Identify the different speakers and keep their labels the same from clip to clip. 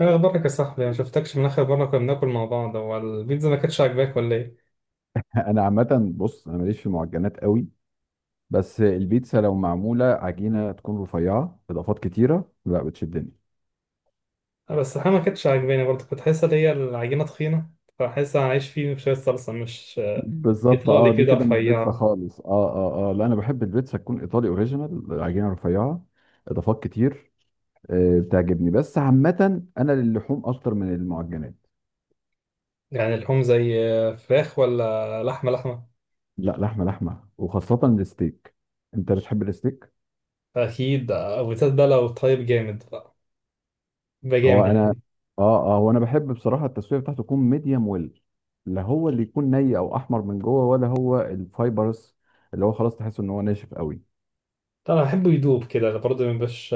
Speaker 1: ايه اخبارك يا صاحبي؟ ما شفتكش من اخر مره كنا بناكل مع بعض. هو البيتزا ما كانتش عاجباك ولا ايه؟
Speaker 2: انا عامه، بص، انا ماليش في المعجنات قوي. بس البيتزا، لو معموله عجينه تكون رفيعه، اضافات كتيره، لا بتشدني.
Speaker 1: أه، بس الحقيقه ما كانتش عاجباني برضه، كنت حاسس ان هي العجينه تخينه. فحاسس انا عايش فيه شويه صلصه، مش
Speaker 2: بالظبط. اه
Speaker 1: ايطالي
Speaker 2: دي
Speaker 1: كده
Speaker 2: كده مش بيتزا
Speaker 1: رفيع.
Speaker 2: خالص اه، اه، لا، انا بحب البيتزا تكون ايطالي اوريجينال، عجينه رفيعه، اضافات كتير. آه، بتعجبني. بس عامه انا للحوم اكتر من المعجنات.
Speaker 1: يعني اللحوم زي فراخ ولا لحمه؟ لحمه.
Speaker 2: لا، لحمه لحمه، وخاصه الستيك. انت بتحب الستيك؟
Speaker 1: اكيد. وبالذات بقى لو طيب جامد بقى، بقى
Speaker 2: هو
Speaker 1: جامد.
Speaker 2: انا. اه، اه، وانا بحب بصراحه التسويه بتاعته تكون ميديم ويل. لا، هو اللي يكون ني او احمر من جوه، ولا هو الفايبرس اللي هو خلاص تحس ان هو ناشف قوي.
Speaker 1: طبعا بحبه يدوب كده برضه، ما يبقاش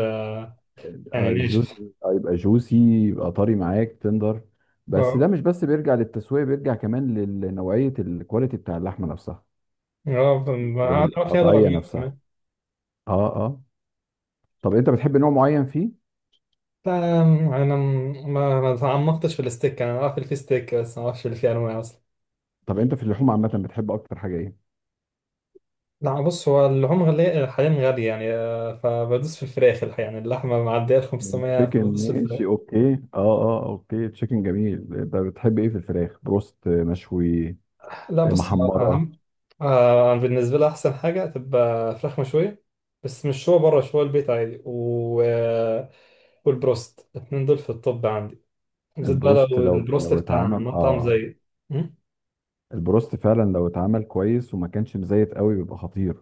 Speaker 1: يعني
Speaker 2: آه، جوز.
Speaker 1: ناشف.
Speaker 2: يبقى جوسي، يبقى طري معاك، تندر. بس ده
Speaker 1: اه،
Speaker 2: مش بس بيرجع للتسويه، بيرجع كمان لنوعيه الكواليتي بتاع اللحمه نفسها،
Speaker 1: اه، ما اعرفش هذا رقم.
Speaker 2: والقطعيه نفسها. اه، اه. طب انت بتحب نوع معين فيه؟
Speaker 1: لا، انا ما تعمقتش في الستيك. انا عارف اللي فيه ستيك بس ما اعرفش اللي فيه انواع اصلا.
Speaker 2: طب انت في اللحوم عامه بتحب اكتر حاجه ايه؟
Speaker 1: لا، بص، هو اللحوم غالية حاليا، غالية يعني. فبدوس في الفراخ. يعني اللحمة معدية ال 500،
Speaker 2: تشيكن،
Speaker 1: فبدوس في الفراخ.
Speaker 2: ماشي، اوكي. اه، اه، اوكي. تشيكن جميل. بتحب ايه في الفراخ؟ بروست؟ مشوي؟
Speaker 1: لا، بص هو
Speaker 2: محمرة؟
Speaker 1: أهم. أنا بالنسبة لي أحسن حاجة تبقى فراخ مشوية. بس مش شوية بره، شوية البيت عادي. و... آه، والبروست الاتنين دول في الطب عندي، بالذات بقى
Speaker 2: البروست
Speaker 1: لو
Speaker 2: لو
Speaker 1: البروست
Speaker 2: لو
Speaker 1: بتاع
Speaker 2: اتعمل
Speaker 1: مطعم زي. م?
Speaker 2: البروست فعلا لو اتعمل كويس وما كانش مزيت قوي بيبقى خطير.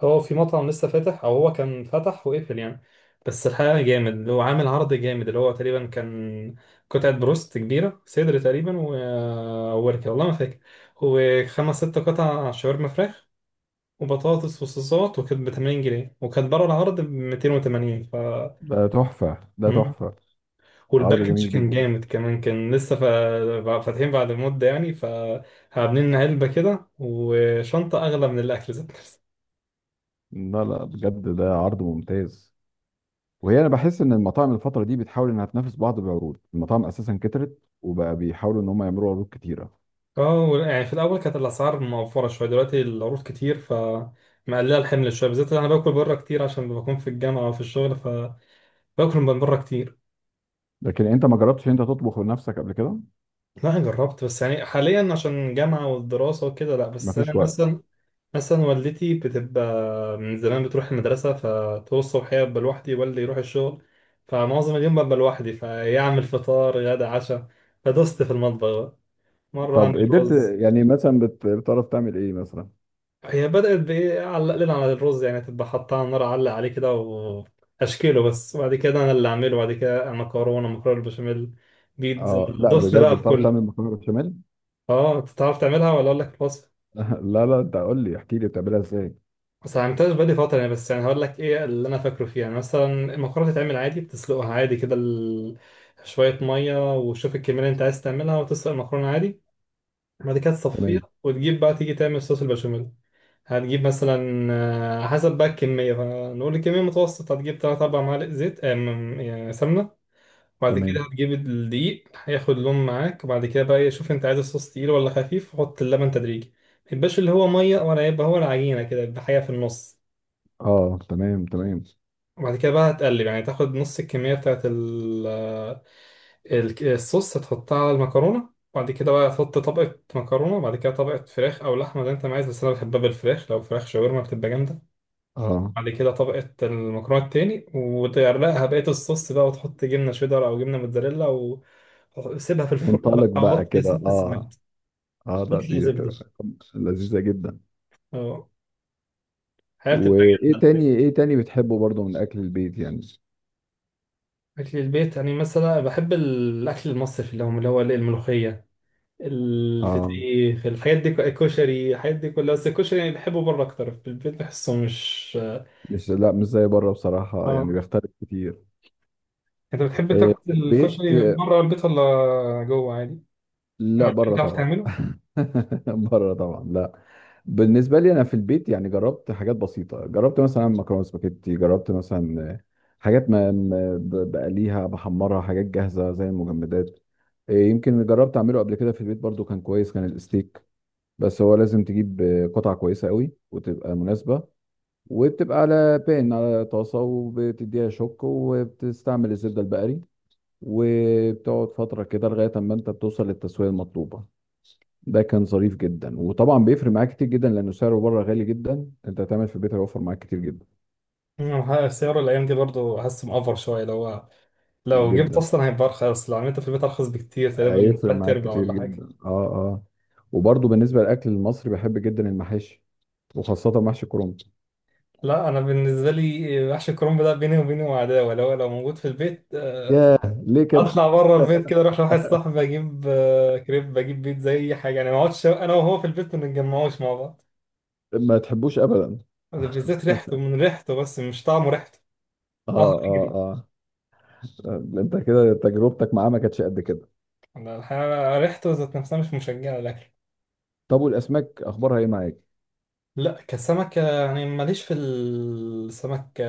Speaker 1: هو في مطعم لسه فاتح او هو كان فتح وقفل يعني، بس الحقيقه جامد اللي هو عامل عرض جامد. اللي هو تقريبا كان قطعه بروست كبيره، صدر تقريبا ووركه، والله ما فاكر، وخمس ست قطع شاورما فراخ، وبطاطس وصوصات، وكانت ب 80 جنيه، وكانت بره العرض ب 280، ف
Speaker 2: ده تحفة، ده
Speaker 1: مم.
Speaker 2: تحفة. عرض
Speaker 1: والباكج
Speaker 2: جميل
Speaker 1: كان
Speaker 2: جدا.
Speaker 1: جامد كمان، كان لسه فاتحين بعد مده يعني، فعاملين علبه كده وشنطه اغلى من الاكل ذات.
Speaker 2: لا، لا، بجد ده عرض ممتاز. وهي انا بحس ان المطاعم الفترة دي بتحاول انها تنافس بعض بعروض، المطاعم اساسا كترت وبقى بيحاولوا ان هم يعملوا عروض كتيرة.
Speaker 1: اه، يعني في الاول كانت الاسعار موفره شويه، دلوقتي العروض كتير، ف مقلله الحمل شويه، بالذات انا باكل بره كتير عشان بكون في الجامعه وفي الشغل، فباكل من بره كتير.
Speaker 2: لكن انت ما جربتش انت تطبخ بنفسك قبل كده؟
Speaker 1: لا، انا جربت، بس يعني حاليا عشان الجامعه والدراسه وكده لا. بس انا
Speaker 2: مفيش وقت.
Speaker 1: مثلا، مثلا والدتي بتبقى من زمان بتروح المدرسه، فطول الصبح هي ببقى لوحدي، والدي يروح الشغل، فمعظم اليوم ببقى لوحدي، فيعمل فطار غدا عشاء. فدست في المطبخ بقى. مره
Speaker 2: طب
Speaker 1: اعمل
Speaker 2: قدرت
Speaker 1: رز.
Speaker 2: يعني مثلا بتعرف تعمل ايه مثلا؟
Speaker 1: هي بدأت بإيه، علق لنا على الرز يعني، تبقى حطها على النار، علق عليه كده وأشكيله بس، وبعد كده أنا اللي أعمله. وبعد كده مكرونة بالبشاميل، بيتزا،
Speaker 2: اه، لا،
Speaker 1: دوسنا
Speaker 2: بجد
Speaker 1: بقى في
Speaker 2: بتعرف تعمل
Speaker 1: كله.
Speaker 2: مكرونه بشاميل؟
Speaker 1: أه، أنت تعرف تعملها ولا أقول لك الوصفة؟
Speaker 2: لا، لا، انت قول لي، احكي لي بتعملها ازاي.
Speaker 1: بس ما عملتهاش بقالي فترة يعني، بس يعني هقول لك إيه اللي أنا فاكره فيها يعني، مثلا المكرونة بتتعمل عادي، بتسلقها عادي كده شوية مية، وشوف الكمية اللي أنت عايز تعملها، وتسلق المكرونة عادي. بعد كده تصفيها،
Speaker 2: تمام،
Speaker 1: وتجيب بقى تيجي تعمل صوص البشاميل. هتجيب مثلا حسب بقى الكمية، فنقول الكمية متوسط، هتجيب تلات أربع معالق زيت يعني سمنة. وبعد
Speaker 2: تمام.
Speaker 1: كده هتجيب الدقيق، هياخد لون معاك. وبعد كده بقى إيه، شوف انت عايز الصوص تقيل ولا خفيف، وحط اللبن تدريجي. ميبقاش اللي هو مية، ولا يبقى هو العجينة كده، يبقى حاجة في النص.
Speaker 2: اه، تمام، تمام.
Speaker 1: وبعد كده بقى هتقلب يعني، تاخد نص الكمية بتاعت ال- الصوص، هتحطها على المكرونة. وبعد كده بقى هتحط طبقة مكرونة، وبعد كده طبقة فراخ أو لحمة زي انت ما عايز. بس أنا بحبها بالفراخ، لو فراخ شاورما بتبقى جامدة.
Speaker 2: اه،
Speaker 1: بعد كده طبقة المكرونة التاني، وتغرقها بقية الصوص بقى، وتحط جبنة شيدر أو جبنة موتزاريلا وسيبها في الفرن
Speaker 2: وانطلق
Speaker 1: بقى،
Speaker 2: بقى
Speaker 1: وطي
Speaker 2: كده.
Speaker 1: ست
Speaker 2: اه،
Speaker 1: ساعات.
Speaker 2: اه، لا،
Speaker 1: تطلع
Speaker 2: دي هتبقى
Speaker 1: زبدة.
Speaker 2: لذيذه جدا.
Speaker 1: اه. حياة، بتبقى
Speaker 2: وايه
Speaker 1: جامدة.
Speaker 2: تاني، ايه تاني بتحبه برضو من اكل البيت يعني؟
Speaker 1: أكل البيت يعني، مثلا بحب الأكل المصري في اليوم، اللي هو الملوخية،
Speaker 2: اه،
Speaker 1: الفسيخ، الحاجات دي، الكشري، الحاجات دي كلها. بس الكشري يعني بحبه بره أكتر، في البيت بحسه مش.
Speaker 2: مش، لا، مش زي بره بصراحه، يعني
Speaker 1: اه،
Speaker 2: بيختلف كتير.
Speaker 1: أنت بتحب
Speaker 2: إيه،
Speaker 1: تاكل
Speaker 2: في البيت؟
Speaker 1: الكشري بره البيت ولا جوه عادي؟
Speaker 2: لا،
Speaker 1: ولا
Speaker 2: بره
Speaker 1: بتعرف
Speaker 2: طبعا.
Speaker 1: تعمله؟
Speaker 2: بره طبعا، لا. بالنسبه لي انا في البيت يعني جربت حاجات بسيطه، جربت مثلا مكرونه سباكيتي، جربت مثلا حاجات ما بقليها، بحمرها، حاجات جاهزه زي المجمدات. إيه، يمكن اللي جربت اعمله قبل كده في البيت برضو كان كويس، كان الستيك. بس هو لازم تجيب قطعه كويسه قوي وتبقى مناسبه. وبتبقى على بان، على طاسه، وبتديها شوك، وبتستعمل الزبده البقري، وبتقعد فتره كده لغايه اما انت بتوصل للتسويه المطلوبه. ده كان ظريف جدا. وطبعا بيفرق معاك كتير جدا لانه سعره بره غالي جدا، انت هتعمل في البيت هيوفر معاك كتير جدا.
Speaker 1: مم، السعر الايام دي برضو حاسس مأفر شويه، لو هو لو جبت
Speaker 2: جدا.
Speaker 1: اصلا هيبقى ارخص. لو عملته في البيت ارخص بكتير، تقريبا
Speaker 2: هيفرق
Speaker 1: تلات
Speaker 2: معاك
Speaker 1: ارباع
Speaker 2: كتير
Speaker 1: ولا حاجه.
Speaker 2: جدا. اه، اه. وبرضه بالنسبه للاكل المصري بحب جدا المحاشي، وخاصه محشي كرنب.
Speaker 1: لا، انا بالنسبه لي وحش الكرنب ده، بيني وبينه عداوه. لو موجود في البيت،
Speaker 2: ياه، ليه كده؟
Speaker 1: اطلع بره البيت كده، اروح لواحد صاحبي، اجيب كريب، اجيب بيتزا، اي حاجه يعني، ما اقعدش انا وهو في البيت ما نتجمعوش مع بعض.
Speaker 2: ما تحبوش ابدا؟
Speaker 1: بالذات ريحته،
Speaker 2: اه،
Speaker 1: من ريحته بس مش طعمه، ريحته.
Speaker 2: اه،
Speaker 1: اه، اجري.
Speaker 2: اه. انت كده تجربتك معاه ما كانتش قد كده.
Speaker 1: أنا الحقيقة ريحته ذات نفسها مش مشجعه لك.
Speaker 2: طب والاسماك اخبارها ايه معاك؟
Speaker 1: لا، كسمكة يعني ماليش في السمك،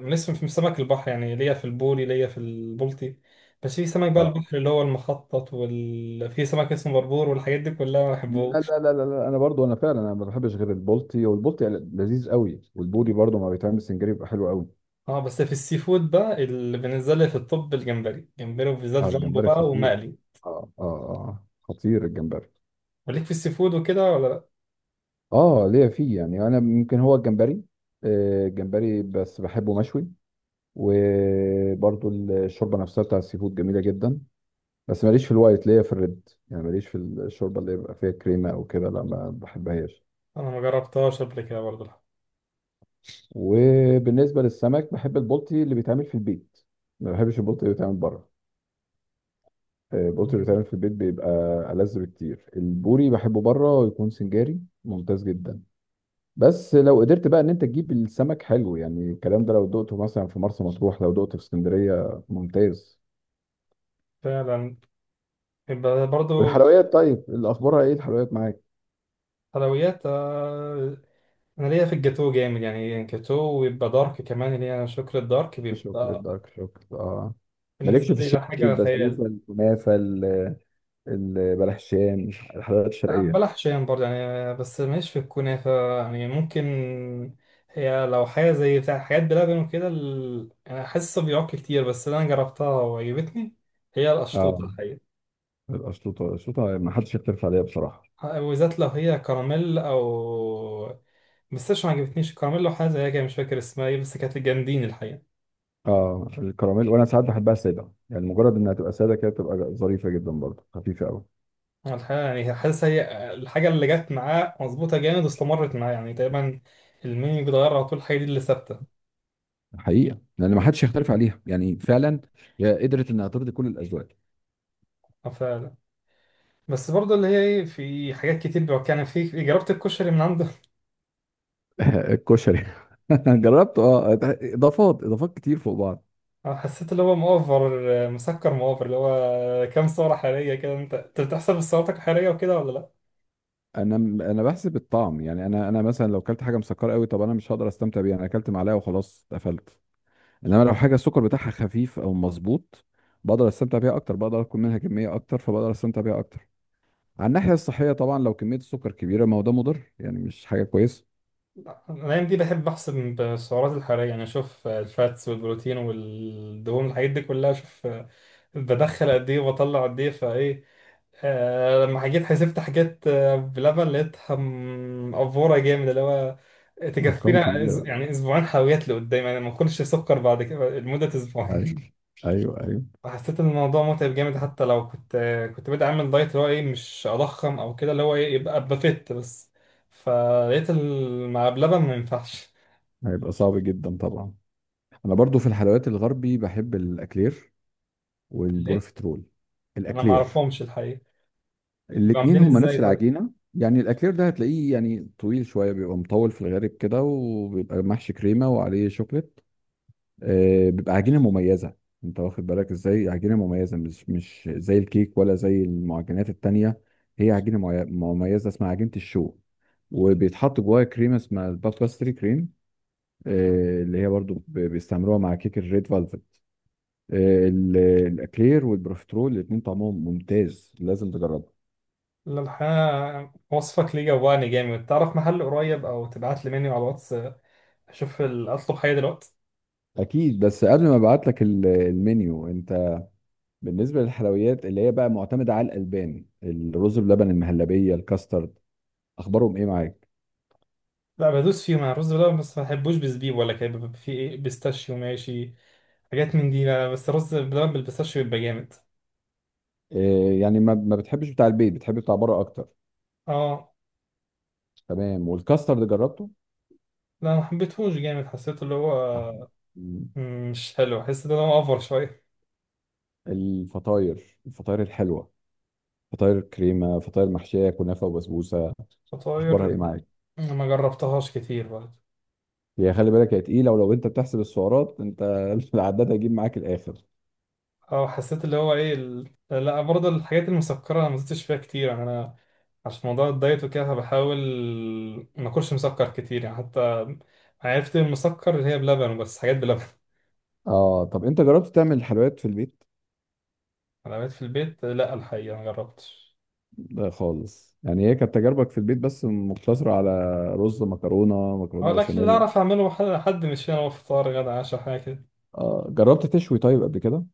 Speaker 1: ماليش في سمك البحر يعني، ليا في البوري، ليا في البلطي. بس في سمك بقى
Speaker 2: اه،
Speaker 1: البحر اللي هو المخطط، في سمك اسمه بربور، والحاجات دي كلها ما
Speaker 2: لا،
Speaker 1: بحبهوش.
Speaker 2: لا، لا، لا، لا، انا برضو انا فعلا انا ما بحبش غير البلطي، والبلطي لذيذ قوي. والبوري برضو ما بيتعمل سنجاري بيبقى حلو قوي.
Speaker 1: اه، بس في السي فود بقى، اللي بالنسبة لي في الطب الجمبري، جمبري وبالذات
Speaker 2: اه،
Speaker 1: جامبو
Speaker 2: الجمبري
Speaker 1: بقى،
Speaker 2: خطير.
Speaker 1: ومقلي.
Speaker 2: اه، اه، اه، خطير الجمبري.
Speaker 1: وليك في السي فود وكده ولا لا؟
Speaker 2: اه، ليا فيه، يعني انا ممكن هو الجمبري. آه، الجمبري بس بحبه مشوي. وبرضو الشوربه نفسها بتاع السي فود جميله جدا. بس ماليش في الوايت، ليا في الريد، يعني ماليش في الشوربه اللي يبقى فيها كريمه او كده، لا ما بحبهاش.
Speaker 1: انا ما جربتهاش قبل كده برضه، لا.
Speaker 2: وبالنسبه للسمك بحب البلطي اللي بيتعمل في البيت، ما بحبش البلطي اللي بيتعمل بره. آه، البلطي اللي
Speaker 1: مم.
Speaker 2: بيتعمل في البيت بيبقى ألذ بكتير. البوري بحبه بره ويكون سنجاري، ممتاز جدا. بس لو قدرت بقى ان انت تجيب السمك حلو، يعني الكلام ده لو دقته مثلا في مرسى مطروح، لو دقته في اسكندريه، ممتاز.
Speaker 1: فعلا، يبقى برضه.
Speaker 2: والحلويات، طيب الاخبار ايه الحلويات معاك؟
Speaker 1: حلويات، انا ليا في الجاتو جامد يعني، جاتو ويبقى دارك كمان، اللي هي شوكليت دارك،
Speaker 2: شوكليت
Speaker 1: بيبقى
Speaker 2: دارك، شوكليت مالكش
Speaker 1: بالنسبه
Speaker 2: في
Speaker 1: لي ده
Speaker 2: الشرقي،
Speaker 1: حاجه خيال.
Speaker 2: البسبوسه، الكنافه، البلحشان، الحلويات
Speaker 1: لا،
Speaker 2: الشرقيه؟
Speaker 1: بلح شام برضه يعني، بس ماليش في الكنافه. يعني ممكن هي لو حاجه زي بتاع حاجات بلبن وكده، انا حاسه بيعك كتير، بس اللي انا جربتها وعجبتني هي
Speaker 2: اه،
Speaker 1: القشطوطه الحقيقه.
Speaker 2: القشطوطه، القشطوطه ما حدش يختلف عليها بصراحه.
Speaker 1: وبالذات لو هي كراميل او، بس مش، ما عجبتنيش الكراميل. لو حاجه زيها كده مش فاكر اسمها ايه، بس كانت جامدين الحقيقه.
Speaker 2: اه، الكراميل، وانا ساعات بحبها ساده، يعني مجرد انها تبقى ساده كده تبقى ظريفه جدا برضه، خفيفه قوي.
Speaker 1: هو الحقيقة يعني، حاسس هي الحاجة اللي جت معاه مظبوطة جامد، واستمرت معاه يعني تقريبا. المين بيتغير على طول، الحاجة دي اللي ثابتة.
Speaker 2: حقيقه، لان ما حدش يختلف عليها يعني فعلا، هي قدرت انها ترضي كل الاذواق.
Speaker 1: فعلا. بس برضه اللي هي ايه، في حاجات كتير بيبقى يعني، في، جربت الكشري من عنده.
Speaker 2: الكشري. جربته، اه. اضافات، اضافات كتير فوق بعض.
Speaker 1: حسيت اللي هو مؤفر، مسكر مؤفر، اللي هو كام سعرة حرارية كده. انت بتحسب السعرات الحرارية وكده ولا لا؟
Speaker 2: انا انا بحسب الطعم، يعني انا مثلا لو اكلت حاجه مسكره قوي، طب انا مش هقدر استمتع بيها، انا اكلت معلقه وخلاص قفلت. انما لو
Speaker 1: مم.
Speaker 2: حاجه السكر بتاعها خفيف او مظبوط، بقدر استمتع بيها اكتر، بقدر اكل منها كميه اكتر، فبقدر استمتع بيها اكتر. على الناحيه الصحيه طبعا لو كميه السكر كبيره ما هو ده مضر، يعني مش حاجه كويسه.
Speaker 1: لا، الأيام دي بحب أحسب بالسعرات الحرارية، يعني أشوف الفاتس والبروتين والدهون، الحاجات دي كلها أشوف بدخل قد إيه وبطلع قد إيه، فإيه، لما جيت حسبت حاجات بلبن، لقيتها مقفورة جامد. اللي هو
Speaker 2: ارقام
Speaker 1: تكفينا
Speaker 2: كبيره.
Speaker 1: يعني اسبوعين حلويات لقدام، يعني ما كنتش سكر بعد كده لمدة اسبوعين.
Speaker 2: ايوه، ايوه، ايوه.
Speaker 1: فحسيت ان الموضوع متعب جامد. حتى لو كنت كنت بادئ اعمل دايت، اللي هو ايه، مش اضخم او كده، اللي هو ايه، يبقى ابقى فت بس. فلقيت مع بلبن ما ينفعش.
Speaker 2: هيبقى صعب جدا طبعا. انا برضو في الحلويات الغربي بحب الاكلير
Speaker 1: ليه؟
Speaker 2: والبروفيترول.
Speaker 1: انا ما
Speaker 2: الاكلير،
Speaker 1: اعرفهمش الحقيقة. بيبقوا
Speaker 2: الاتنين
Speaker 1: عاملين
Speaker 2: هما
Speaker 1: ازاي
Speaker 2: نفس
Speaker 1: طيب؟
Speaker 2: العجينه. يعني الاكلير ده هتلاقيه يعني طويل شويه، بيبقى مطول في الغالب كده، وبيبقى محشي كريمه وعليه شوكليت. آه، بيبقى عجينه مميزه. انت واخد بالك ازاي؟ عجينه مميزه، مش زي الكيك ولا زي المعجنات التانية. هي عجينه مميزه اسمها عجينه الشو. وبيتحط جواها كريمه اسمها الباستري كريم. آه، اللي هي برضو بيستعملوها مع كيك الريد فالفت. ال- الاكلير والبروفيترول الاتنين طعمهم ممتاز، لازم تجربها.
Speaker 1: لا، الحقيقة وصفك ليه جوعني جامد. تعرف محل قريب او تبعت لي منيو على الواتس؟ اشوف اطلب حاجه دلوقتي.
Speaker 2: اكيد. بس قبل ما ابعت لك المنيو، انت بالنسبه للحلويات اللي هي بقى معتمده على الالبان، الرز بلبن، المهلبيه، الكاسترد، اخبارهم ايه معاك؟
Speaker 1: لا، بدوس فيهم انا الرز بلبن، بس ما بحبوش بزبيب ولا كده. بيبقى فيه ايه، بيستاشيو ماشي، حاجات من دي. لا، بس الرز بلبن بالبيستاشيو بيبقى جامد.
Speaker 2: إيه يعني، ما بتحبش بتاع البيت، بتحب بتاع بره اكتر.
Speaker 1: اه،
Speaker 2: تمام، والكاسترد جربته؟
Speaker 1: لا ما حبيتهوش جامد، حسيته اللي
Speaker 2: آه.
Speaker 1: هو،
Speaker 2: مم.
Speaker 1: مم، مش حلو، حسيت ان هو اوفر شويه.
Speaker 2: الفطاير، الفطاير الحلوه، فطاير كريمه، فطاير محشيه كنافه وبسبوسه، اخبارها ايه
Speaker 1: فطاير،
Speaker 2: معاك؟
Speaker 1: ما جربتهاش كتير برضه.
Speaker 2: هي خلي بالك هي تقيله، ولو انت بتحسب السعرات انت العداد هيجيب معاك الاخر.
Speaker 1: اه، حسيت اللي هو ايه، لا، برضه الحاجات المسكره انا ما زدتش فيها كتير يعني، انا عشان موضوع الدايت وكده، فبحاول ما اكلش مسكر كتير يعني، حتى عرفت المسكر اللي هي بلبن، بس حاجات بلبن.
Speaker 2: اه، طب انت جربت تعمل حلويات في البيت؟
Speaker 1: حلويات في البيت، لا الحقيقة ما جربتش.
Speaker 2: لا خالص. يعني هي كانت تجاربك في البيت بس مقتصره على رز، مكرونه،
Speaker 1: هو
Speaker 2: مكرونه
Speaker 1: الأكل اللي
Speaker 2: بشاميل؟
Speaker 1: أعرف أعمله حد مش هنا، هو فطار غدا عشاء، حاجة كده.
Speaker 2: آه، جربت تشوي طيب قبل كده؟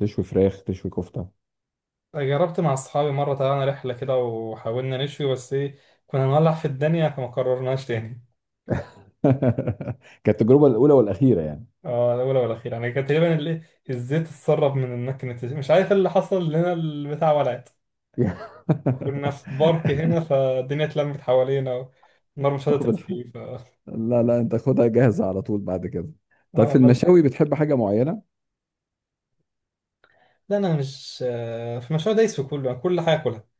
Speaker 2: تشوي فراخ، تشوي كفته؟
Speaker 1: جربت مع أصحابي مرة، طلعنا رحلة كده وحاولنا نشوي، بس إيه، كنا هنولع في الدنيا، فما قررناش تاني.
Speaker 2: كانت التجربه الاولى والاخيره يعني.
Speaker 1: اه، الأولى والأخيرة يعني. كان تقريبا الزيت اتسرب من المكنة، مش عارف إيه اللي حصل لنا، البتاع ولعت. كنا في بارك هنا، فالدنيا اتلمت حوالينا، والنار مش قادرة
Speaker 2: طب
Speaker 1: تطفي، ف
Speaker 2: لا، لا، انت خدها جاهزه على طول بعد كده. طيب في
Speaker 1: اه بلحق.
Speaker 2: المشاوي بتحب حاجه معينه؟
Speaker 1: لا، أنا مش في المشروع دايس في كله، أنا كل حاجة أكلها.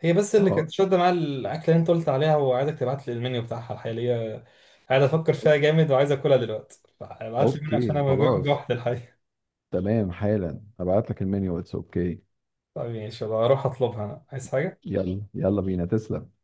Speaker 1: هي بس اللي
Speaker 2: اه،
Speaker 1: كانت شادة معايا الأكلة اللي أنت قلت عليها، وعايزك تبعت لي المنيو بتاعها الحقيقة. قاعد أفكر فيها جامد وعايز أكلها دلوقتي، فابعت لي المنيو عشان
Speaker 2: اوكي،
Speaker 1: أنا
Speaker 2: خلاص.
Speaker 1: جوعت الحقيقة.
Speaker 2: تمام، حالا هبعت لك المنيو اتس. اوكي.
Speaker 1: طيب ماشي، يلا أروح أطلبها. أنا عايز حاجة؟
Speaker 2: يلا، يلا بينا. تسلم.